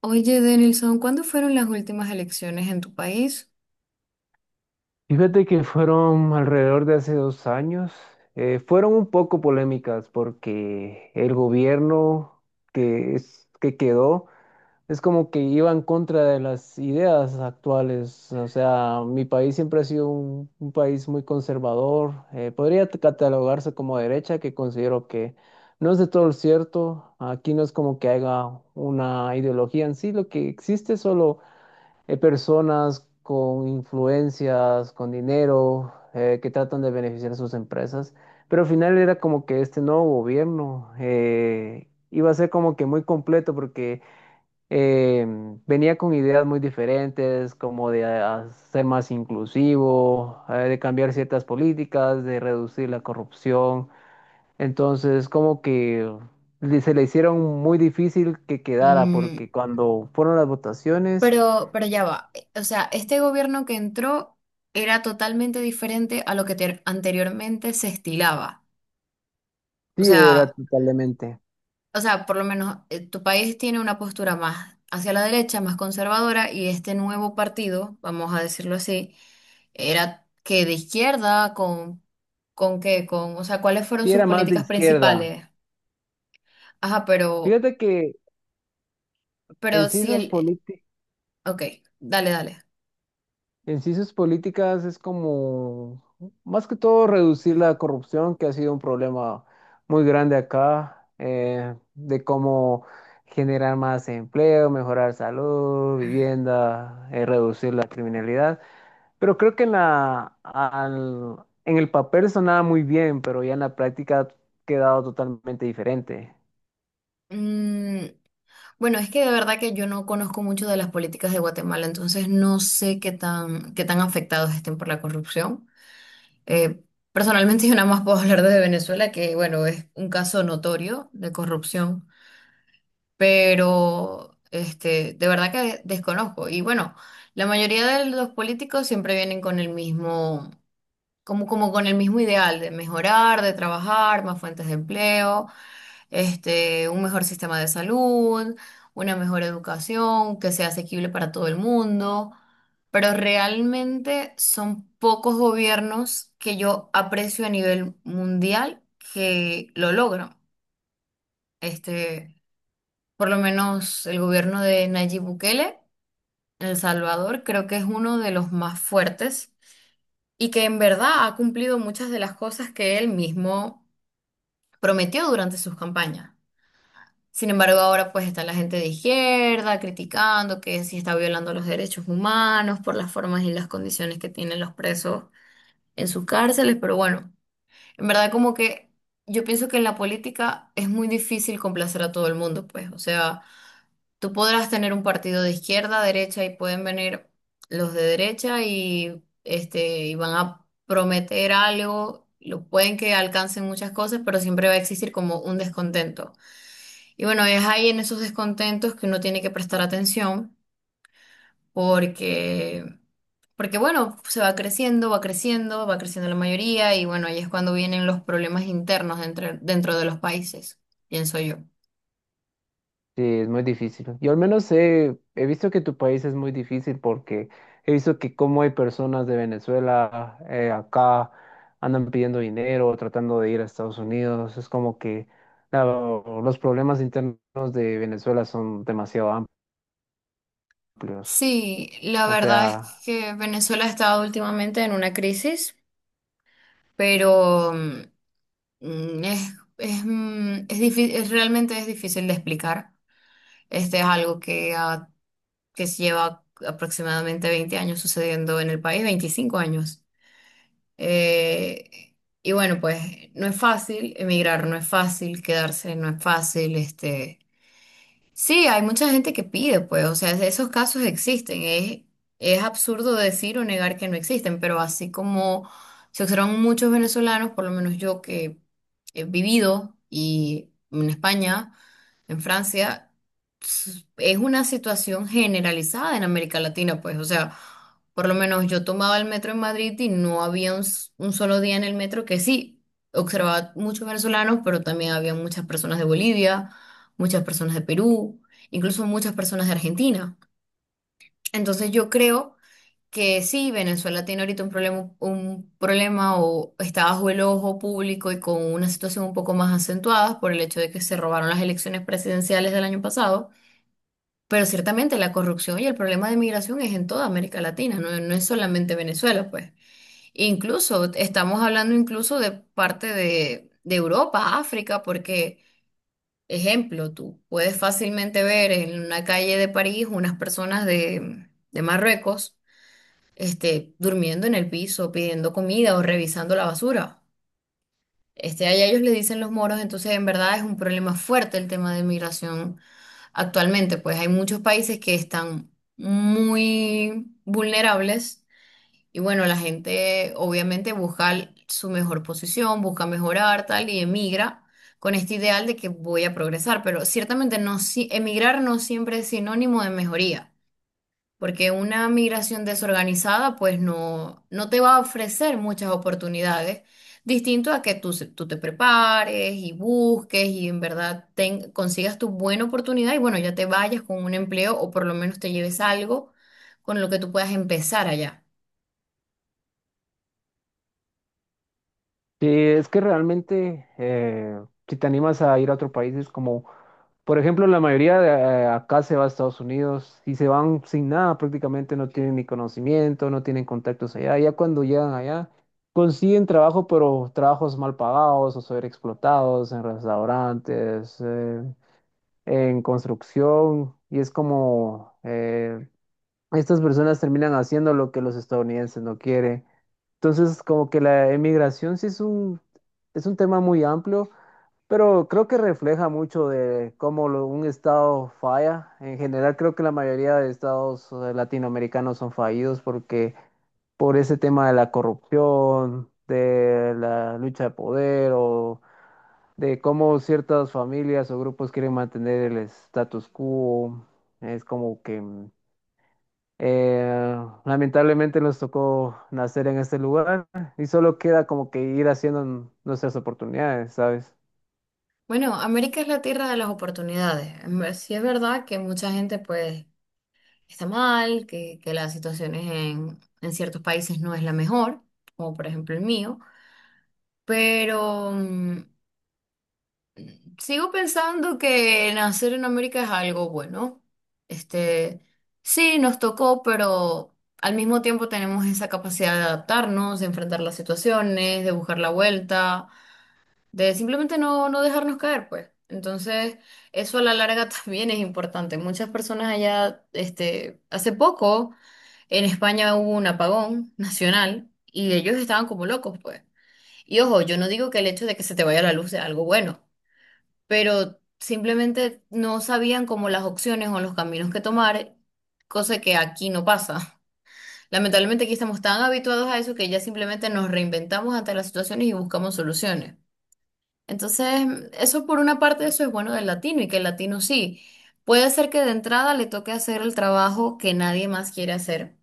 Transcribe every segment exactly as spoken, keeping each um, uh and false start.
Oye, Denilson, ¿cuándo fueron las últimas elecciones en tu país? Fíjate que fueron alrededor de hace dos años. Eh, fueron un poco polémicas porque el gobierno que, es, que quedó es como que iba en contra de las ideas actuales. O sea, mi país siempre ha sido un, un país muy conservador. Eh, podría t- catalogarse como derecha, que considero que no es de todo cierto. Aquí no es como que haya una ideología en sí. Lo que existe, solo hay personas con influencias, con dinero, eh, que tratan de beneficiar a sus empresas, pero al final era como que este nuevo gobierno eh, iba a ser como que muy completo, porque eh, venía con ideas muy diferentes, como de ah, ser más inclusivo, eh, de cambiar ciertas políticas, de reducir la corrupción. Entonces, como que le- se le hicieron muy difícil que quedara, Mm, porque cuando fueron las votaciones, pero, pero ya va. O sea, este gobierno que entró era totalmente diferente a lo que ter- anteriormente se estilaba. O sí, era sea, totalmente. o sea, por lo menos eh, tu país tiene una postura más hacia la derecha, más conservadora, y este nuevo partido, vamos a decirlo así, era que de izquierda, con, con qué, con, o sea, ¿cuáles fueron Sí, sus era más de políticas izquierda. principales? Ajá, pero, Fíjate que en pero sí si sus el, políti- Ok, dale, dale. en sí sus políticas es como, más que todo, reducir la corrupción, que ha sido un problema muy grande acá, eh, de cómo generar más empleo, mejorar salud, vivienda, eh, reducir la criminalidad. Pero creo que en la, al- en el papel sonaba muy bien, pero ya en la práctica ha quedado totalmente diferente. Mm, bueno, es que de verdad que yo no conozco mucho de las políticas de Guatemala, entonces no sé qué tan, qué tan afectados estén por la corrupción. Eh, Personalmente yo nada más puedo hablar de Venezuela, que bueno, es un caso notorio de corrupción, pero este, de verdad que desconozco. Y bueno, la mayoría de los políticos siempre vienen con el mismo, como, como con el mismo ideal de mejorar, de trabajar, más fuentes de empleo este, un mejor sistema de salud, una mejor educación que sea asequible para todo el mundo, pero realmente son pocos gobiernos que yo aprecio a nivel mundial que lo logran. Este, por lo menos el gobierno de Nayib Bukele en El Salvador creo que es uno de los más fuertes y que en verdad ha cumplido muchas de las cosas que él mismo prometió durante sus campañas. Sin embargo, ahora pues está la gente de izquierda criticando que sí está violando los derechos humanos por las formas y las condiciones que tienen los presos en sus cárceles, pero bueno, en verdad como que yo pienso que en la política es muy difícil complacer a todo el mundo, pues, o sea, tú podrás tener un partido de izquierda, derecha y pueden venir los de derecha y este y van a prometer algo, lo pueden que alcancen muchas cosas, pero siempre va a existir como un descontento. Y bueno, es ahí en esos descontentos que uno tiene que prestar atención porque, porque bueno, se va creciendo, va creciendo, va creciendo la mayoría y bueno, ahí es cuando vienen los problemas internos dentro, dentro de los países, pienso yo. Sí, es muy difícil. Yo al menos he, he visto que tu país es muy difícil, porque he visto que como hay personas de Venezuela eh, acá andan pidiendo dinero, tratando de ir a Estados Unidos. Es como que la- los problemas internos de Venezuela son demasiado amplios. Sí, la O verdad es sea, que Venezuela ha estado últimamente en una crisis, pero mm, es, es, mm, es difí- es- realmente es difícil de explicar. Este es algo que que lleva aproximadamente veinte años sucediendo en el país, veinticinco años. Eh, y bueno, pues no es fácil emigrar, no es fácil quedarse, no es fácil, este. Sí, hay mucha gente que pide, pues, o sea, esos casos existen. Es, es absurdo decir o negar que no existen, pero así como se observan muchos venezolanos, por lo menos yo que he vivido y en España, en Francia s- es una situación generalizada en América Latina, pues, o sea, por lo menos yo tomaba el metro en Madrid y no había un, s- un solo día en el metro que sí, observaba muchos venezolanos, pero también había muchas personas de Bolivia, muchas personas de Perú, incluso muchas personas de Argentina. Entonces yo creo que sí, Venezuela tiene ahorita un problema, un problema o está bajo el ojo público y con una situación un poco más acentuada por el hecho de que se robaron las elecciones presidenciales del año pasado, pero ciertamente la corrupción y el problema de migración es en toda América Latina, no, no es solamente Venezuela, pues. Incluso estamos hablando incluso de parte de, de Europa, África, porque, ejemplo, tú puedes fácilmente ver en una calle de París unas personas de de Marruecos este, durmiendo en el piso, pidiendo comida o revisando la basura. Este, allá ellos le dicen los moros, entonces en verdad es un problema fuerte el tema de migración actualmente, pues hay muchos países que están muy vulnerables y bueno, la gente obviamente busca su mejor posición, busca mejorar tal y emigra con este ideal de que voy a progresar, pero ciertamente no, si- emigrar no siempre es sinónimo de mejoría. Porque una migración desorganizada, pues no, no te va a ofrecer muchas oportunidades, distinto a que tú, se- tú te prepares y busques y en verdad ten- consigas tu buena oportunidad y bueno, ya te vayas con un empleo o por lo menos te lleves algo con lo que tú puedas empezar allá. sí, es que realmente eh, si te animas a ir a otro país es como, por ejemplo, la mayoría de eh, acá se va a Estados Unidos y se van sin nada, prácticamente no tienen ni conocimiento, no tienen contactos allá. Ya cuando llegan allá consiguen trabajo, pero trabajos mal pagados o sobreexplotados en restaurantes, eh, en construcción, y es como eh, estas personas terminan haciendo lo que los estadounidenses no quieren. Entonces, como que la emigración sí es un, es un tema muy amplio, pero creo que refleja mucho de cómo lo- un estado falla. En general, creo que la mayoría de estados eh, latinoamericanos son fallidos porque, por ese tema de la corrupción, de la lucha de poder, o de cómo ciertas familias o grupos quieren mantener el status quo. Es como que mm, eh, lamentablemente nos tocó nacer en este lugar y solo queda como que ir haciendo nuestras oportunidades, ¿sabes? Bueno, América es la tierra de las oportunidades. En ver- Sí es verdad que mucha gente pues está mal, que, que las situaciones en, en ciertos países no es la mejor, como por ejemplo el mío. Pero mm, sigo pensando que nacer en América es algo bueno. Este, sí, nos tocó, pero al mismo tiempo tenemos esa capacidad de adaptarnos, de enfrentar las situaciones, de buscar la vuelta, de simplemente no, no dejarnos caer, pues. Entonces, eso a la larga también es importante. Muchas personas allá, este, hace poco en España hubo un apagón nacional y ellos estaban como locos, pues. Y ojo, yo no digo que el hecho de que se te vaya la luz sea algo bueno, pero simplemente no sabían como las opciones o los caminos que tomar, cosa que aquí no pasa. Lamentablemente aquí estamos tan habituados a eso que ya simplemente nos reinventamos ante las situaciones y buscamos soluciones. Entonces, eso por una parte, eso es bueno del latino y que el latino sí. Puede ser que de entrada le toque hacer el trabajo que nadie más quiere hacer,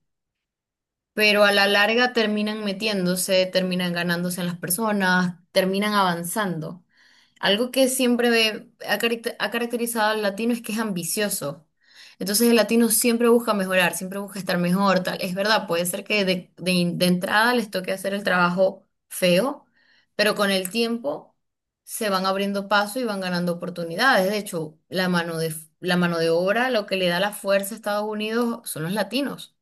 pero a la larga terminan metiéndose, terminan ganándose en las personas, terminan avanzando. Algo que siempre ve- ha, caracter- ha caracterizado al latino es que es ambicioso. Entonces el latino siempre busca mejorar, siempre busca estar mejor, tal. Es verdad, puede ser que de, de in- de entrada les toque hacer el trabajo feo, pero con el tiempo se van abriendo paso y van ganando oportunidades. De hecho, la mano de, la mano de obra, lo que le da la fuerza a Estados Unidos son los latinos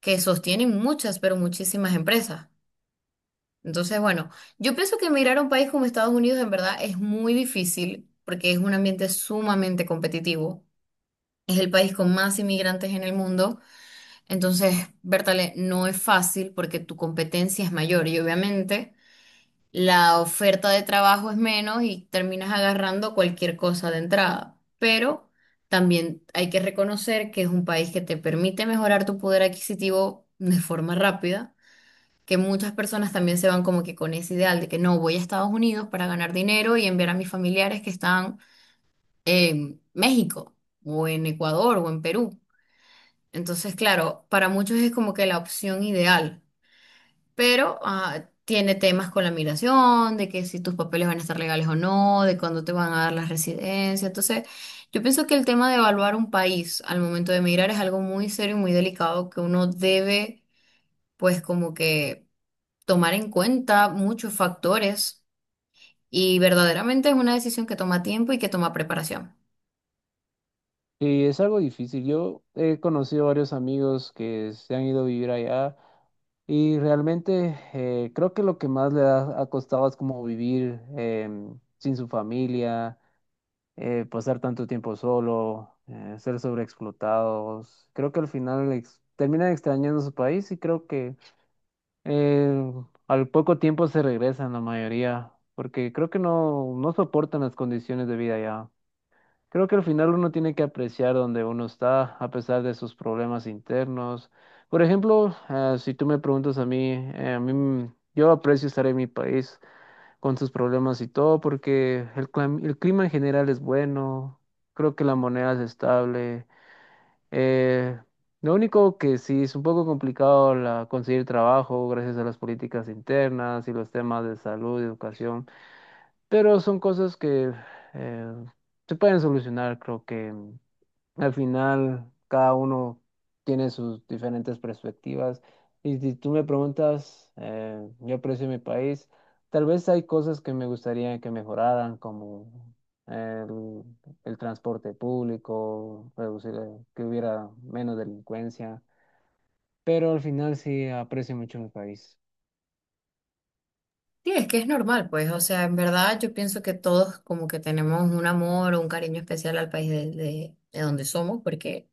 que sostienen muchas, pero muchísimas empresas. Entonces, bueno, yo pienso que emigrar a un país como Estados Unidos en verdad es muy difícil porque es un ambiente sumamente competitivo. Es el país con más inmigrantes en el mundo. Entonces, Bertale, no es fácil porque tu competencia es mayor y obviamente la oferta de trabajo es menos y terminas agarrando cualquier cosa de entrada. Pero también hay que reconocer que es un país que te permite mejorar tu poder adquisitivo de forma rápida, que muchas personas también se van como que con ese ideal de que no, voy a Estados Unidos para ganar dinero y enviar a mis familiares que están en México o en Ecuador o en Perú. Entonces, claro, para muchos es como que la opción ideal, pero ah, tiene temas con la migración, de que si tus papeles van a estar legales o no, de cuándo te van a dar la residencia. Entonces, yo pienso que el tema de evaluar un país al momento de emigrar es algo muy serio y muy delicado que uno debe, pues como que tomar en cuenta muchos factores, y verdaderamente es una decisión que toma tiempo y que toma preparación. Y es algo difícil. Yo he conocido varios amigos que se han ido a vivir allá, y realmente eh, creo que lo que más le ha, ha costado es como vivir em, sin su familia, eh, pasar tanto tiempo solo, eh, ser sobreexplotados. Creo que al final ex- terminan extrañando su país, y creo que Eh, al poco tiempo se regresan la mayoría, porque creo que no, no soportan las condiciones de vida ya. Creo que al final uno tiene que apreciar donde uno está, a pesar de sus problemas internos. Por ejemplo, eh, si tú me preguntas a mí, eh, a mí m- yo aprecio estar en mi país con sus problemas y todo, porque el, clam- el clima en general es bueno, creo que la moneda es estable. Eh, lo único que sí es un poco complicado, la, conseguir trabajo, gracias a las políticas internas y los temas de salud, educación, pero son cosas que eh, se pueden solucionar, creo que. Al final, cada uno tiene sus diferentes perspectivas. Y si tú me preguntas, eh, yo aprecio mi país. Tal vez hay cosas que me gustaría que mejoraran, como el, el transporte público, reducir, eh, que hubiera menos delincuencia. Pero al final sí aprecio mucho mi país. Sí, es que es normal, pues, o sea, en verdad yo pienso que todos como que tenemos un amor o un cariño especial al país de, de- de donde somos, porque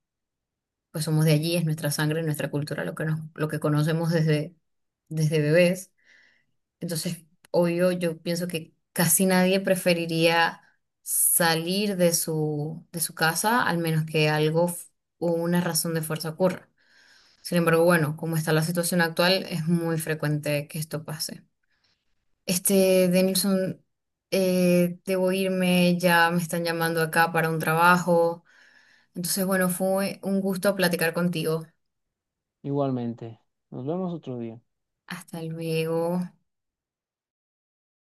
pues somos de allí, es nuestra sangre, nuestra cultura, lo que nos, lo que conocemos desde, desde bebés. Entonces, obvio, yo pienso que casi nadie preferiría salir de su, de su casa, al menos que algo f- o una razón de fuerza ocurra. Sin embargo, bueno, como está la situación actual, es muy frecuente que esto pase. Este, Denilson, eh, debo irme, ya me están llamando acá para un trabajo. Entonces, bueno, fue un gusto platicar contigo. Igualmente. Nos vemos otro día. Hasta luego.